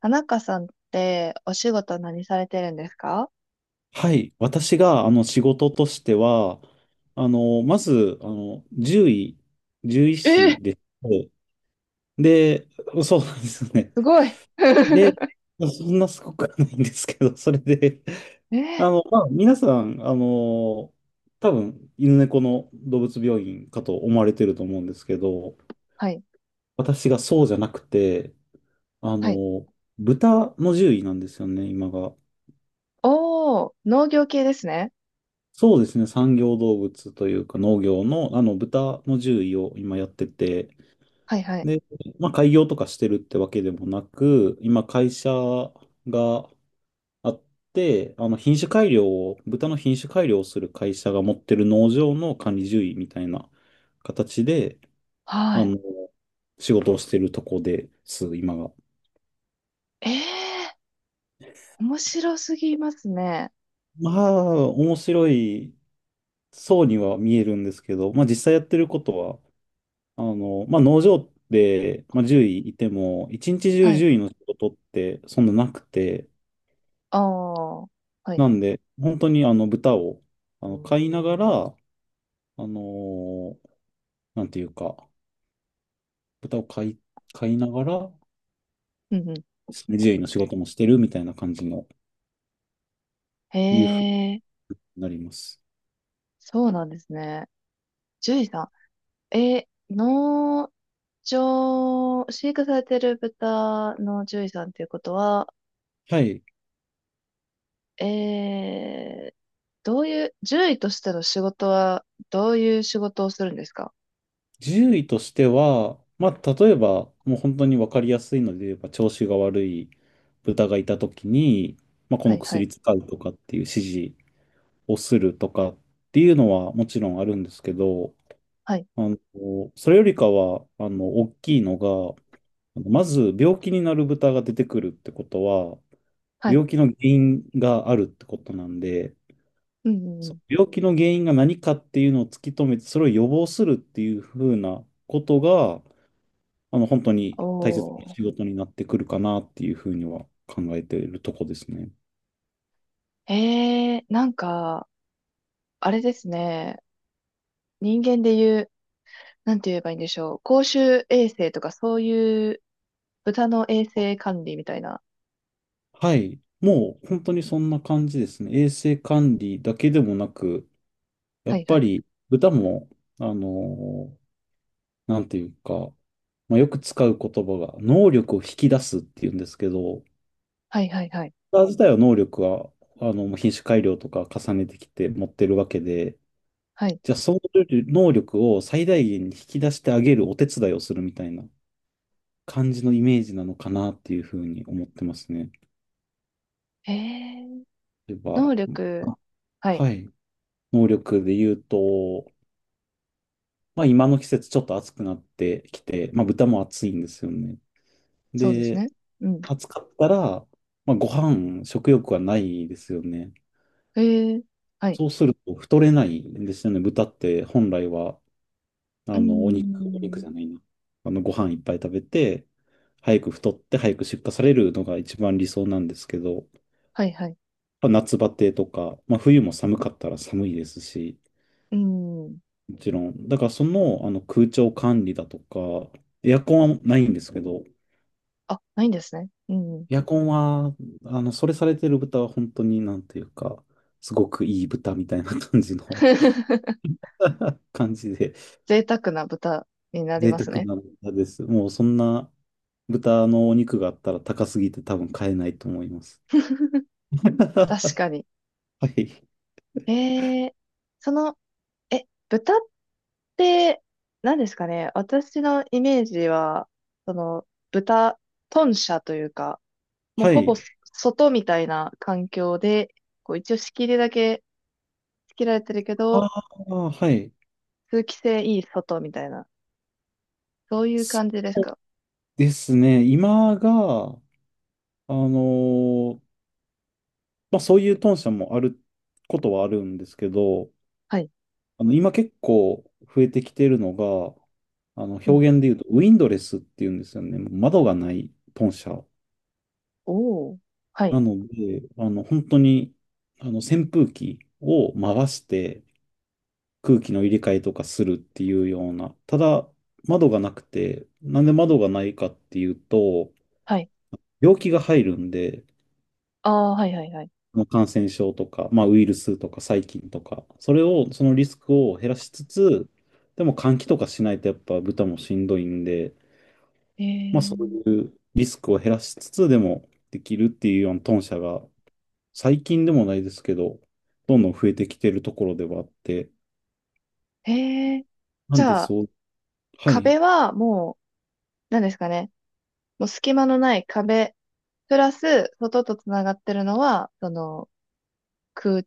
田中さんってお仕事何されてるんですか？はい。私が、仕事としては、まず、獣医え師ー、で、で、そうなんですよね。すごい。で、そんなすごくはないんですけど、それで、えー、まあ、皆さん、多分、犬猫の動物病院かと思われてると思うんですけど、はい、私がそうじゃなくて、あはい。の、豚の獣医なんですよね、今が。おー、農業系ですね。そうですね。産業動物というか農業の、豚の獣医を今やってて、はい、はい。で、まあ、開業とかしてるってわけでもなく、今、会社があって、品種改良を、豚の品種改良をする会社が持ってる農場の管理獣医みたいな形で、はあい。の、仕事をしてるとこです、今が。えー、面白すぎますね。まあ、面白いそうには見えるんですけど、まあ、実際やってることは、まあ、農場でまあ、獣医いいても、一日中はい。獣医の仕事ってそんななくて、おー、はい。なんで、本当にあの豚をあの飼いながら、のーなんていうか、豚を飼い、飼いながら、うんう獣医の仕事もしてるみたいな感じの、ん。いうふうえー、になります。そうなんですね。ジュイさん。えー、農場、飼育されてる豚の獣医さんっていうことは、はい。えどういう、獣医としての仕事は、どういう仕事をするんですか？獣医としては、まあ、例えば、もう本当に分かりやすいので言えば、調子が悪い豚がいたときに、まあ、こはのいはい。薬使うとかっていう指示、をするとかっていうのはもちろんあるんですけど、はい。あの、それよりかは、大きいのが、あのまず病気になる豚が出てくるってことは、はい。病気の原因があるってことなんで、うん、うんうそん。の病気の原因が何かっていうのを突き止めて、それを予防するっていうふうなことが、本当に大切なお仕事になってくるかなっていうふうには考えているとこですね。ー。えー、なんか、あれですね。人間で言う、なんて言えばいいんでしょう。公衆衛生とかそういう豚の衛生管理みたいな。はい。もう本当にそんな感じですね。衛生管理だけでもなく、やはっいはぱい。り豚も、あのーなんていうか、まあ、よく使う言葉が、能力を引き出すっていうんですけど、はいはいはい。豚自体は能力は、品種改良とか重ねてきて持ってるわけで、はい。じゃあその能力を最大限に引き出してあげるお手伝いをするみたいな感じのイメージなのかなっていうふうに思ってますね。えー、例えば、能力。あはい。はい、能力で言うと、まあ今の季節ちょっと暑くなってきて、まあ豚も暑いんですよね。そうですで、ね。うん。暑かったら、まあ、ご飯、食欲はないですよね。えー、はい。そうすると太れないんですよね。豚って本来は、うーお肉ん。じゃないな。ご飯いっぱい食べて、早く太って早く出荷されるのが一番理想なんですけど、はいはい。まあ夏バテとか、まあ、冬も寒かったら寒いですし、うーん。もちろん。だからその、あの空調管理だとか、エアコンはないんですけど、あ、ないんですね。うん。エアコンは、それされてる豚は本当になんていうか、すごくいい豚みたいな感じの 感じで、贅沢な豚になり贅ます沢ね。な豚です。もうそんな豚のお肉があったら高すぎて多分買えないと思います。確かに。はい。えー、その、豚って、何ですかね。私のイメージは、その、豚舎というか、もうはほぼい。外みたいな環境で、こう一応仕切りだけ仕切られてるけあど、あ、はい。通気性いい外みたいな、そういうす感じですか？ですね。今が、あのーまあそういう豚舎もあることはあるんですけど、はい。今結構増えてきてるのが、う表ん。現で言うと、ウィンドレスっていうんですよね。もう窓がない豚車。おー。はい。なので、本当に、扇風機を回して空気の入れ替えとかするっていうような。ただ、窓がなくて、なんで窓がないかっていうと、はい。病気が入るんで、ああ、はいはいはい。あの感染症とか、まあ、ウイルスとか細菌とか、それを、そのリスクを減らしつつ、でも換気とかしないとやっぱ豚もしんどいんで、えまあそうー、いうリスクを減らしつつでもできるっていうようなトン社が最近でもないですけど、どんどん増えてきてるところではあって、えー、なじんでゃあ、そう、はい、壁はもう、なんですかね。もう隙間のない壁、プラス、外とつながってるのは、その、空、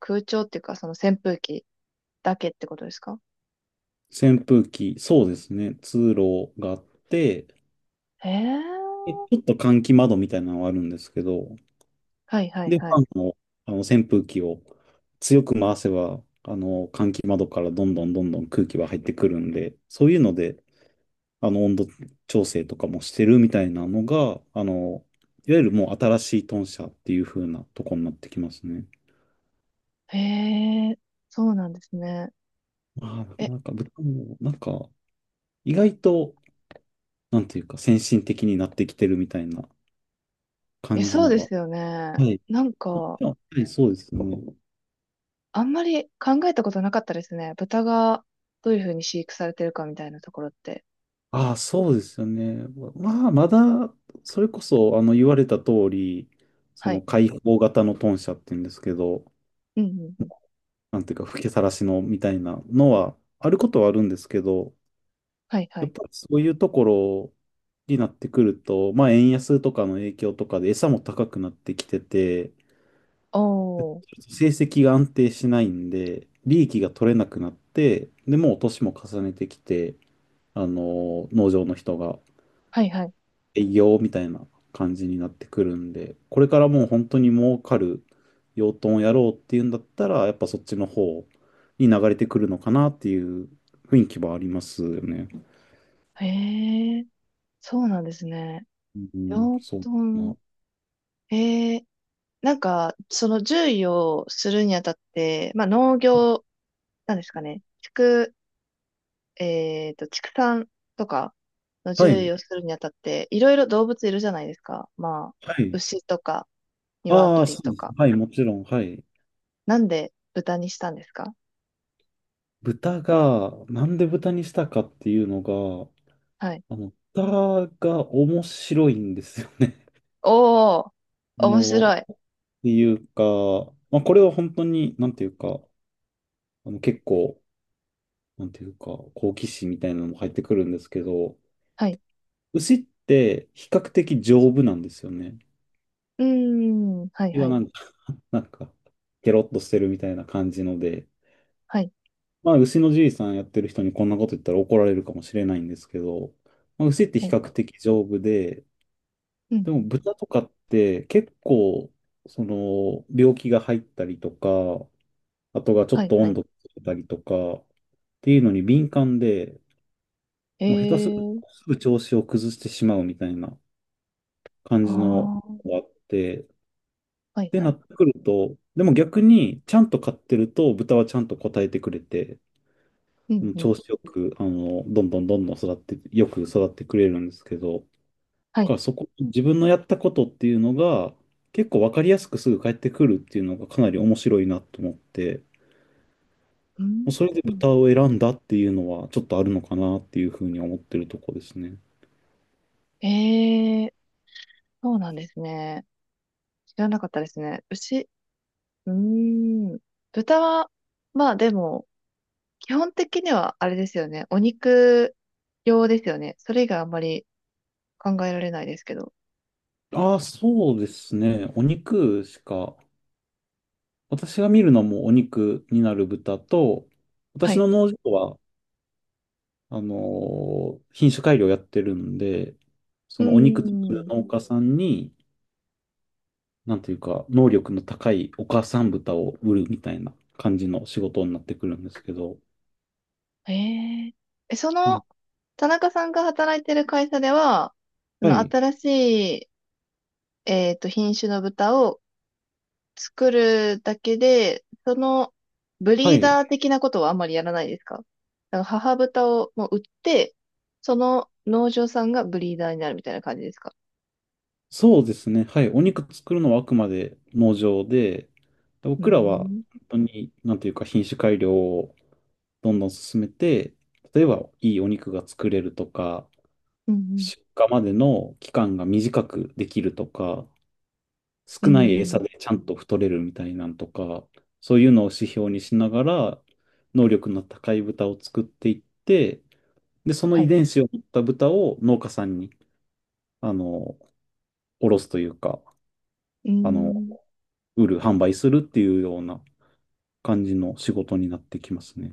空調っていうか、その扇風機だけってことですか？扇風機、そうですね、通路があって、へえ。でちょっと換気窓みたいなのはあるんですけど、はいはいで、フはい。ァンの、あの扇風機を強く回せば、あの換気窓からどんどんどんどん空気は入ってくるんで、そういうのであの、温度調整とかもしてるみたいなのが、いわゆるもう新しい豚舎っていう風なとこになってきますね。へえ、そうなんですね。まあ、なえ、かなか豚も、なんか、意外と、なんていうか、先進的になってきてるみたいな感じそうのでは。すよね。はい。なんあか、はい、そうですね。あんまり考えたことなかったですね。豚がどういうふうに飼育されてるかみたいなところって。ああ、そうですよね。まあ、まだ、それこそ、言われた通り、そはのい。開放型の豚舎っていうんですけど、うんうんうん。なんていうか、吹きさらしのみたいなのは、あることはあるんですけど、はいはやっい。ぱりそういうところになってくると、まあ円安とかの影響とかで餌も高くなってきてて、ちおー。ょっと成績が安定しないんで、利益が取れなくなって、で、もう年も重ねてきて、農場の人がはいはい。営業みたいな感じになってくるんで、これからもう本当に儲かる養豚をやろうっていうんだったら、やっぱそっちの方に流れてくるのかなっていう雰囲気はありますよね。へえ、そうなんですね。うん、養そうだ豚。な。えー、なんか、その獣医をするにあたって、まあ、農業、なんですかね、畜産とかのは獣医い。をするにあたって、いろいろ動物いるじゃないですか。まあ、はい。牛とか、ああ、鶏そうとです。か。はい、もちろん。はい。なんで豚にしたんですか？豚が、なんで豚にしたかっていうのが、はい。豚が面白いんですよね。おー、面白い。っていうか、まあ、これは本当に、なんていうか、あの結構、なんていうか、好奇心みたいなのも入ってくるんですけど、はい。牛って比較的丈夫なんですよね。うーん、はい、牛ははい、なんか、なんか、ケロッとしてるみたいな感じので、はい。まあ、牛のじいさんやってる人にこんなこと言ったら怒られるかもしれないんですけど、まあ、牛っておう比ん、較的丈夫で、うん、でも豚とかって結構、その、病気が入ったりとか、あとがちょはっい、とは温い。度がついたりとか、っていうのに敏感で、えもう下手するー、とすぐ調子を崩してしまうみたいな感あじのー、があって、っはい、てはない。ってくると、でも逆にちゃんと飼ってると豚はちゃんと答えてくれて、ううん、んうん、調子よく、どんどんどんどん育って、よく育ってくれるんですけど、だはい。からそこ、自分のやったことっていうのが、結構わかりやすくすぐ返ってくるっていうのがかなり面白いなと思って、うもうん、それでうん。豚を選んだっていうのはちょっとあるのかなっていうふうに思ってるとこですね。ええ、そうなんですね。知らなかったですね。牛、うーん。豚は、まあでも、基本的にはあれですよね。お肉用ですよね。それ以外あんまり考えられないですけど。ああ、そうですね。お肉しか、私が見るのもお肉になる豚と、は私い。の農場はあの、品種改良やってるんで、うそーのお肉作るん。農家さんに、なんていうか、能力の高いお母さん豚を売るみたいな感じの仕事になってくるんですけど、ええ。そあの、の田中さんが働いてる会社では、そはのい、新しい、品種の豚を作るだけで、その、ブはリーい、ダー的なことはあんまりやらないですか？だから母豚をもう売って、その農場さんがブリーダーになるみたいな感じですか？そうですね、はい、お肉作るのはあくまで農場で、うー僕らはん、本当に、なんていうか、品種改良をどんどん進めて、例えばいいお肉が作れるとか、うん、出荷までの期間が短くできるとか、うん、少ないうー餌ん、でちゃんと太れるみたいなんとか、そういうのを指標にしながら、能力の高い豚を作っていって、で、そのは遺い。伝子を持った豚を農家さんに、あの、卸すというか、うーあの、ん売る、販売するっていうような感じの仕事になってきますね。